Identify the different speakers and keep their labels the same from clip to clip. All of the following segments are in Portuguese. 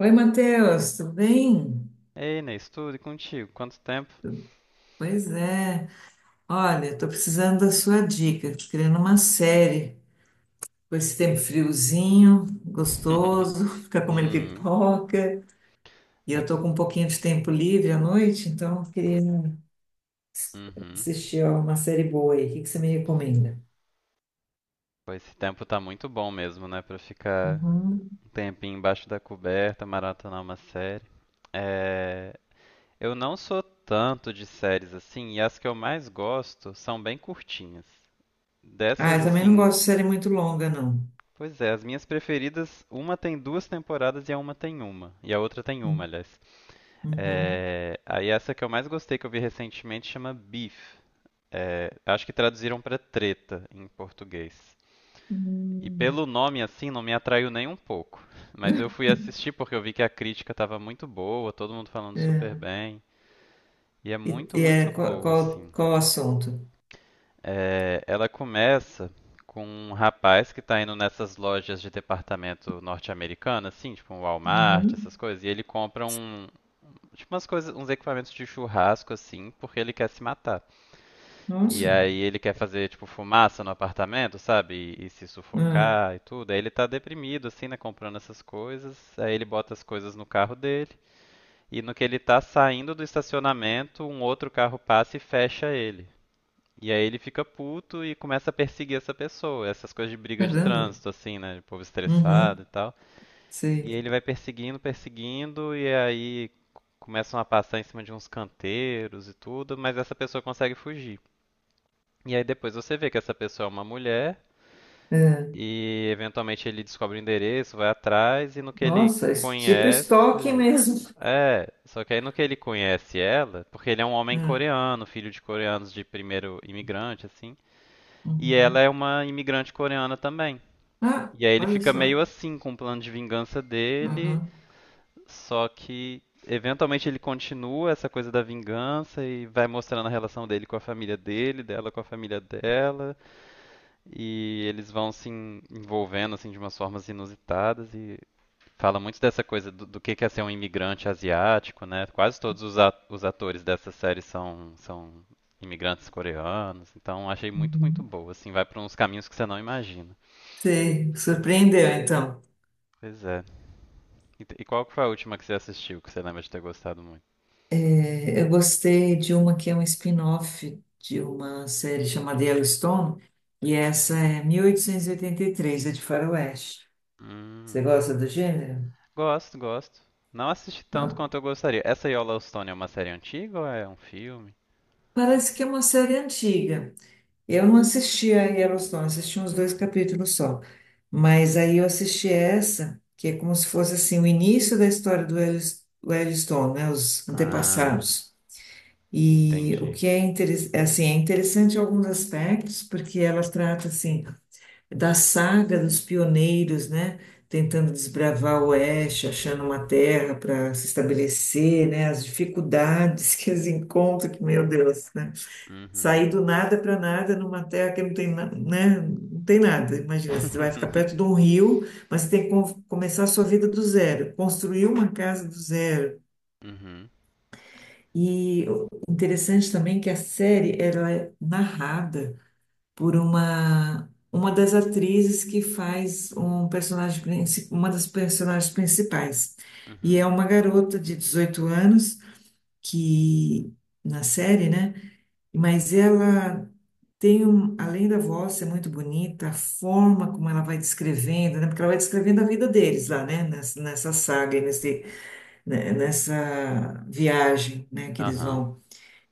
Speaker 1: Oi, Matheus, tudo bem?
Speaker 2: Ei, Inês, tudo e contigo? Quanto tempo?
Speaker 1: Pois é. Olha, estou precisando da sua dica. Estou querendo uma série com esse tempo friozinho, gostoso, ficar comendo
Speaker 2: Uhum.
Speaker 1: pipoca. E eu
Speaker 2: É,
Speaker 1: estou com um pouquinho de tempo livre à noite, então eu queria
Speaker 2: uhum.
Speaker 1: assistir ó, uma série boa aí. O que que você me recomenda?
Speaker 2: Pô, esse tempo tá muito bom mesmo, né? Pra ficar
Speaker 1: Uhum.
Speaker 2: um tempinho embaixo da coberta, maratonar uma série. É, eu não sou tanto de séries assim, e as que eu mais gosto são bem curtinhas.
Speaker 1: Ah,
Speaker 2: Dessas,
Speaker 1: eu também não
Speaker 2: assim,
Speaker 1: gosto de série muito longa, não.
Speaker 2: pois é, as minhas preferidas, uma tem duas temporadas e a uma tem uma. E a outra tem uma,
Speaker 1: Hum.
Speaker 2: aliás.
Speaker 1: Uhum.
Speaker 2: É, aí essa que eu mais gostei que eu vi recentemente chama Beef. É, acho que traduziram para treta em português. E
Speaker 1: Hum.
Speaker 2: pelo nome assim não me atraiu nem um pouco. Mas eu fui assistir porque eu vi que a crítica estava muito boa, todo mundo falando super
Speaker 1: É.
Speaker 2: bem. E é
Speaker 1: E,
Speaker 2: muito,
Speaker 1: e
Speaker 2: muito
Speaker 1: é, qual,
Speaker 2: boa,
Speaker 1: qual,
Speaker 2: assim.
Speaker 1: qual o assunto?
Speaker 2: É, ela começa com um rapaz que tá indo nessas lojas de departamento norte-americano, assim, tipo um Walmart, essas
Speaker 1: Uhum.
Speaker 2: coisas, e ele compra tipo umas coisas, uns equipamentos de churrasco, assim, porque ele quer se matar. E
Speaker 1: Nossa.
Speaker 2: aí ele quer fazer, tipo, fumaça no apartamento, sabe? E se
Speaker 1: Ah.
Speaker 2: sufocar e tudo. Aí ele tá deprimido, assim, né? Comprando essas coisas. Aí ele bota as coisas no carro dele. E no que ele tá saindo do estacionamento, um outro carro passa e fecha ele. E aí ele fica puto e começa a perseguir essa pessoa. Essas coisas de briga de
Speaker 1: Caramba.
Speaker 2: trânsito, assim, né? De povo estressado e
Speaker 1: Uhum.
Speaker 2: tal.
Speaker 1: Sei.
Speaker 2: E ele vai perseguindo, perseguindo, e aí começam a passar em cima de uns canteiros e tudo, mas essa pessoa consegue fugir. E aí depois você vê que essa pessoa é uma mulher
Speaker 1: É.
Speaker 2: e eventualmente ele descobre o endereço, vai atrás e no que ele
Speaker 1: Nossa, tipo estoque
Speaker 2: conhece.
Speaker 1: mesmo.
Speaker 2: É, só que aí no que ele conhece ela, porque ele é um homem
Speaker 1: É.
Speaker 2: coreano, filho de coreanos de primeiro imigrante, assim, e ela
Speaker 1: Uhum.
Speaker 2: é uma imigrante coreana também.
Speaker 1: Ah,
Speaker 2: E aí ele
Speaker 1: olha
Speaker 2: fica meio
Speaker 1: só.
Speaker 2: assim com o plano de vingança dele,
Speaker 1: Aham.
Speaker 2: só que eventualmente ele continua essa coisa da vingança e vai mostrando a relação dele com a família dele, dela com a família dela. E eles vão se envolvendo assim de umas formas inusitadas e fala muito dessa coisa do que é ser um imigrante asiático, né? Quase todos os atores dessa série são, são imigrantes coreanos, então achei muito, muito
Speaker 1: Uhum.
Speaker 2: boa, assim, vai para uns caminhos que você não imagina.
Speaker 1: Sei. Surpreendeu, então.
Speaker 2: Pois é. E, e qual que foi a última que você assistiu que você lembra de ter gostado muito?
Speaker 1: É, eu gostei de uma que é um spin-off de uma série chamada Yellowstone, e essa é 1883, é de Faroeste. Você
Speaker 2: Hum,
Speaker 1: gosta do gênero?
Speaker 2: gosto, gosto. Não assisti tanto
Speaker 1: Não?
Speaker 2: quanto eu gostaria. Essa Yellowstone é uma série antiga ou é um filme?
Speaker 1: Parece que é uma série antiga. Eu não assisti a Yellowstone, não assisti uns dois capítulos só. Mas aí eu assisti essa, que é como se fosse assim o início da história do do Yellowstone, né, os
Speaker 2: Ah,
Speaker 1: antepassados. E o
Speaker 2: entendi.
Speaker 1: que é, é, assim, é interessante em alguns aspectos, porque ela trata assim da saga dos pioneiros, né, tentando desbravar o oeste, achando uma terra para se estabelecer, né, as dificuldades que eles encontram, que meu Deus, né?
Speaker 2: Uhum.
Speaker 1: Sair do nada para nada numa terra que não tem, né? Não tem nada. Imagina, você vai ficar perto de um rio, mas você tem que começar a sua vida do zero, construir uma casa do zero.
Speaker 2: Uhum,
Speaker 1: E o interessante também é que a série ela é narrada por uma das atrizes que faz uma das personagens principais. E
Speaker 2: uhum.
Speaker 1: é uma garota de 18 anos que na série, né? Mas ela tem um, além da voz ser muito bonita, a forma como ela vai descrevendo, né? Porque ela vai descrevendo a vida deles lá, né? Nessa saga, e nesse, né? Nessa viagem, né? Que eles
Speaker 2: Aham,
Speaker 1: vão.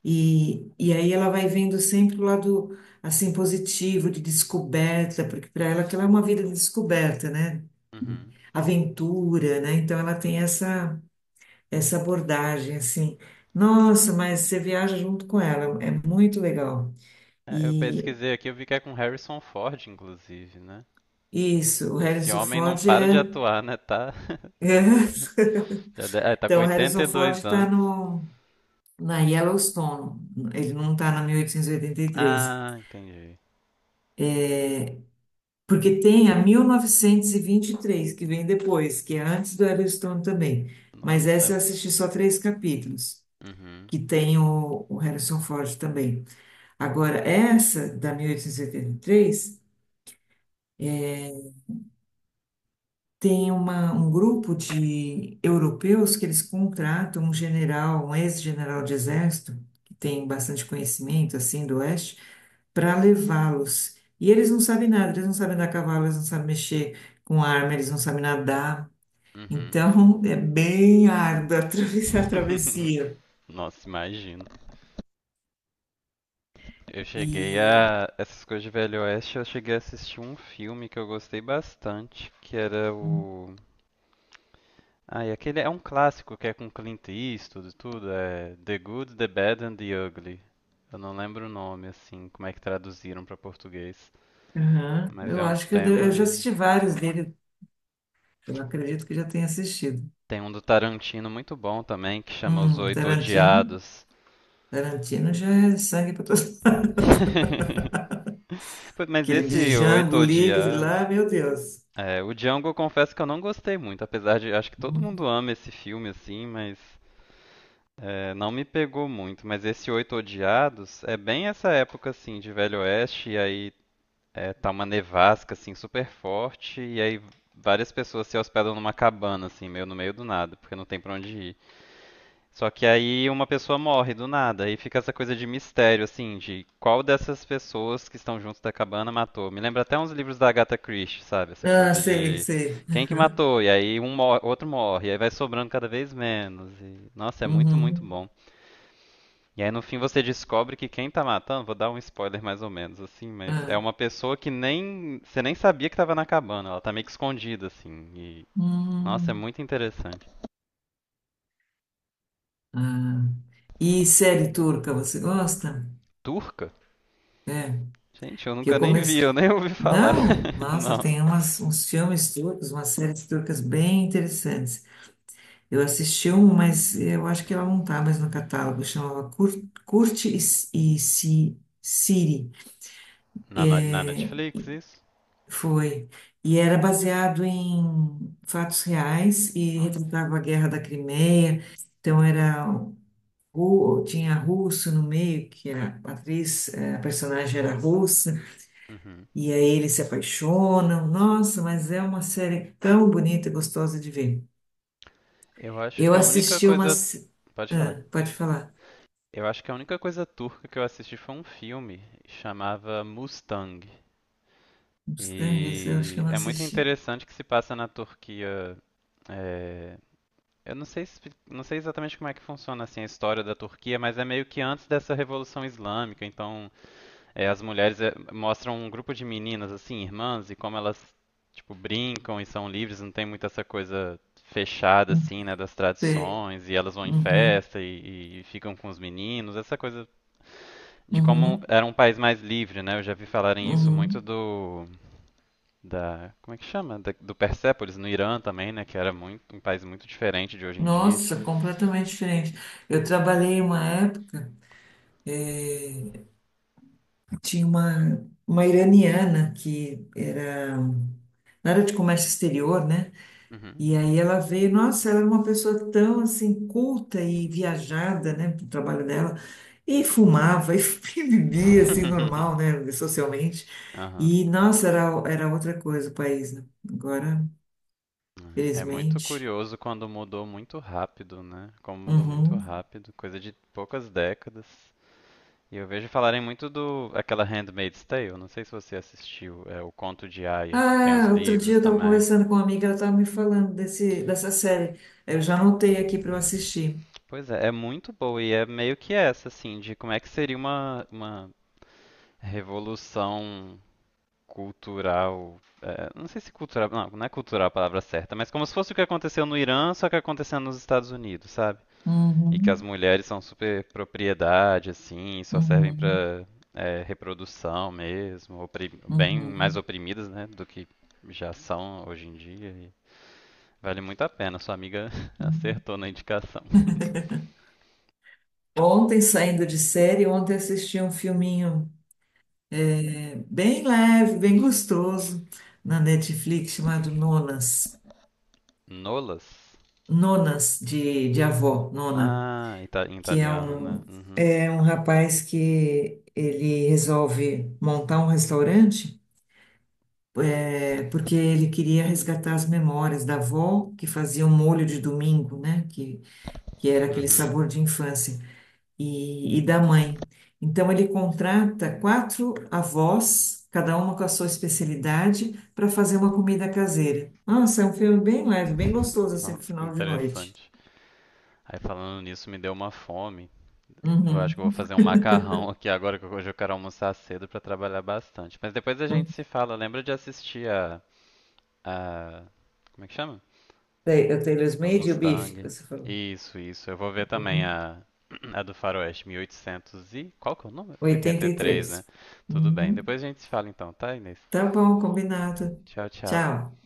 Speaker 1: E aí ela vai vendo sempre o lado, assim, positivo, de descoberta, porque para ela aquilo é uma vida de descoberta, né?
Speaker 2: uhum.
Speaker 1: Aventura, né? Então ela tem essa, essa abordagem, assim. Nossa, mas você viaja junto com ela, é muito legal.
Speaker 2: É, eu pesquisei aqui, eu vi que é com Harrison Ford, inclusive, né?
Speaker 1: Isso, o
Speaker 2: Esse
Speaker 1: Harrison
Speaker 2: homem não
Speaker 1: Ford
Speaker 2: para de
Speaker 1: é.
Speaker 2: atuar, né? Tá,
Speaker 1: É.
Speaker 2: já tá com
Speaker 1: Então, o Harrison Ford
Speaker 2: 82
Speaker 1: está
Speaker 2: anos.
Speaker 1: na Yellowstone, ele não está na 1883,
Speaker 2: Ah, entendi.
Speaker 1: porque tem a 1923, que vem depois, que é antes do Yellowstone também. Mas essa
Speaker 2: Nossa.
Speaker 1: eu assisti só três capítulos,
Speaker 2: Uhum,
Speaker 1: que tem o Harrison Ford também. Agora, essa da 1883 tem um grupo de europeus que eles contratam um general, um ex-general de exército, que tem bastante conhecimento, assim, do Oeste, para levá-los. E eles não sabem nada, eles não sabem andar a cavalo, eles não sabem mexer com arma, eles não sabem nadar.
Speaker 2: uhum.
Speaker 1: Então, é bem árdua atravessar a travessia.
Speaker 2: Nossa, imagino. Eu cheguei
Speaker 1: E
Speaker 2: a. Essas coisas de Velho Oeste, eu cheguei a assistir um filme que eu gostei bastante, que era o. Ah, e aquele é um clássico que é com Clint Eastwood e tudo, é The Good, The Bad and the Ugly. Eu não lembro o nome, assim, como é que traduziram para português.
Speaker 1: aham,
Speaker 2: Mas é
Speaker 1: eu
Speaker 2: um
Speaker 1: acho que eu, já
Speaker 2: tema.
Speaker 1: assisti vários dele, eu acredito que já tenha assistido.
Speaker 2: Tem um do Tarantino muito bom também, que chama Os Oito
Speaker 1: Tarantino.
Speaker 2: Odiados.
Speaker 1: Tarantino já é sangue para todos lados.
Speaker 2: Pô, mas
Speaker 1: Aquele de
Speaker 2: esse Oito
Speaker 1: Django livre
Speaker 2: Odiados.
Speaker 1: lá, meu Deus.
Speaker 2: É, o Django eu confesso que eu não gostei muito, apesar de acho que todo
Speaker 1: Hum.
Speaker 2: mundo ama esse filme, assim, mas é, não me pegou muito, mas esse Oito Odiados é bem essa época assim de Velho Oeste, e aí é, tá uma nevasca assim super forte, e aí várias pessoas se hospedam numa cabana assim, meio no meio do nada, porque não tem pra onde ir. Só que aí uma pessoa morre do nada, aí fica essa coisa de mistério assim, de qual dessas pessoas que estão junto da cabana matou. Me lembra até uns livros da Agatha Christie, sabe? Essa
Speaker 1: Ah,
Speaker 2: coisa
Speaker 1: sei,
Speaker 2: de
Speaker 1: sei.
Speaker 2: quem que
Speaker 1: Aham.
Speaker 2: matou, e aí um mor outro morre, e aí vai sobrando cada vez menos. E nossa, é muito, muito
Speaker 1: Uhum.
Speaker 2: bom. E aí no fim você descobre que quem tá matando, vou dar um spoiler mais ou menos assim, mas é
Speaker 1: Ah.
Speaker 2: uma pessoa que nem você nem sabia que tava na cabana, ela tá meio que escondida assim. E nossa, é
Speaker 1: Hum.
Speaker 2: muito interessante.
Speaker 1: Ah. E série turca, você gosta?
Speaker 2: Turca?
Speaker 1: É,
Speaker 2: Gente, eu
Speaker 1: que eu
Speaker 2: nunca nem vi,
Speaker 1: comecei.
Speaker 2: eu nem ouvi falar.
Speaker 1: Não, nossa,
Speaker 2: Não.
Speaker 1: tem uns filmes turcos, umas séries turcas bem interessantes. Eu assisti um, mas eu acho que ela não está mais no catálogo. Chamava Curte e Siri.
Speaker 2: Na, na Netflix isso?
Speaker 1: Foi. E era baseado em fatos reais e retratava a Guerra da Crimeia. Então tinha russo no meio, que a personagem era russa,
Speaker 2: Uhum.
Speaker 1: e aí eles se apaixonam. Nossa, mas é uma série tão bonita e gostosa de ver.
Speaker 2: Eu acho
Speaker 1: Eu
Speaker 2: que a única
Speaker 1: assisti uma.
Speaker 2: coisa, pode falar.
Speaker 1: Ah, pode falar.
Speaker 2: Eu acho que a única coisa turca que eu assisti foi um filme, chamava Mustang.
Speaker 1: Mustang, esse eu acho que eu
Speaker 2: E
Speaker 1: não
Speaker 2: é muito
Speaker 1: assisti.
Speaker 2: interessante que se passa na Turquia, é, eu não sei, não sei exatamente como é que funciona assim a história da Turquia, mas é meio que antes dessa Revolução Islâmica. Então, é, as mulheres, é, mostram um grupo de meninas assim, irmãs, e como elas tipo brincam e são livres, não tem muito essa coisa fechada
Speaker 1: Não
Speaker 2: assim, né, das
Speaker 1: sei.
Speaker 2: tradições. E elas vão em
Speaker 1: Uhum,
Speaker 2: festa e ficam com os meninos. Essa coisa de como
Speaker 1: uhum,
Speaker 2: era um país mais livre, né? Eu já vi falarem isso muito
Speaker 1: uhum.
Speaker 2: do da como é que chama? Do Persépolis no Irã também, né? Que era muito um país muito diferente de hoje em dia.
Speaker 1: Nossa, completamente diferente. Eu trabalhei uma época, tinha uma iraniana ela era de comércio exterior, né?
Speaker 2: Uhum.
Speaker 1: E aí ela veio, nossa, ela era uma pessoa tão assim culta e viajada, né, pro trabalho dela. E
Speaker 2: Uhum.
Speaker 1: fumava e bebia assim normal, né, socialmente.
Speaker 2: Aham.
Speaker 1: E nossa, era outra coisa o país, né? Agora,
Speaker 2: É muito
Speaker 1: felizmente.
Speaker 2: curioso quando mudou muito rápido, né? Como mudou muito
Speaker 1: Uhum.
Speaker 2: rápido, coisa de poucas décadas. E eu vejo falarem muito do aquela Handmaid's Tale, não sei se você assistiu, é o Conto de Aia, que tem os
Speaker 1: Ah, outro dia eu
Speaker 2: livros
Speaker 1: estava
Speaker 2: também.
Speaker 1: conversando com uma amiga, ela estava me falando dessa série. Eu já anotei aqui para eu assistir.
Speaker 2: Pois é, é muito boa e é meio que essa, assim, de como é que seria uma revolução cultural. É, não sei se cultural. Não, não é cultural a palavra certa, mas como se fosse o que aconteceu no Irã, só que acontecendo nos Estados Unidos, sabe? E que as
Speaker 1: Uhum,
Speaker 2: mulheres são super propriedade, assim, só servem
Speaker 1: uhum,
Speaker 2: pra, é, reprodução mesmo, bem mais
Speaker 1: uhum,
Speaker 2: oprimidas, né, do que já são hoje em dia. E vale muito a pena, sua amiga
Speaker 1: uhum.
Speaker 2: acertou na indicação.
Speaker 1: Ontem, saindo de série, ontem assisti um filminho bem leve, bem gostoso, na Netflix, chamado Nonas.
Speaker 2: Nolas?
Speaker 1: Nonas, de avó, Nona,
Speaker 2: Ah, em
Speaker 1: que é
Speaker 2: italiano, né?
Speaker 1: um,
Speaker 2: Uhum.
Speaker 1: é um rapaz que ele resolve montar um restaurante. É porque ele queria resgatar as memórias da avó que fazia o molho de domingo, né? Que era aquele
Speaker 2: Uhum.
Speaker 1: sabor de infância, e da mãe. Então ele contrata quatro avós, cada uma com a sua especialidade, para fazer uma comida caseira. Nossa, é um filme bem leve, bem gostoso, assim, pro
Speaker 2: Nossa, que
Speaker 1: final de noite.
Speaker 2: interessante. Aí falando nisso, me deu uma fome. Eu
Speaker 1: Uhum.
Speaker 2: acho que eu vou fazer um macarrão aqui agora, que hoje eu quero almoçar cedo pra trabalhar bastante. Mas depois a gente
Speaker 1: Uhum.
Speaker 2: se fala. Lembra de assistir a, a- como é que chama?
Speaker 1: O Taylor's
Speaker 2: A
Speaker 1: Made e o Bife, que
Speaker 2: Mustang.
Speaker 1: você falou.
Speaker 2: Isso, isso. Eu vou ver também
Speaker 1: Uhum.
Speaker 2: a, a do Faroeste, 1800 e, oitocentos e, qual que é o número? 83, né?
Speaker 1: 83.
Speaker 2: Tudo bem.
Speaker 1: Uhum.
Speaker 2: Depois a gente se fala então, tá, Inês?
Speaker 1: Tá bom, combinado.
Speaker 2: Tchau, tchau.
Speaker 1: Tchau.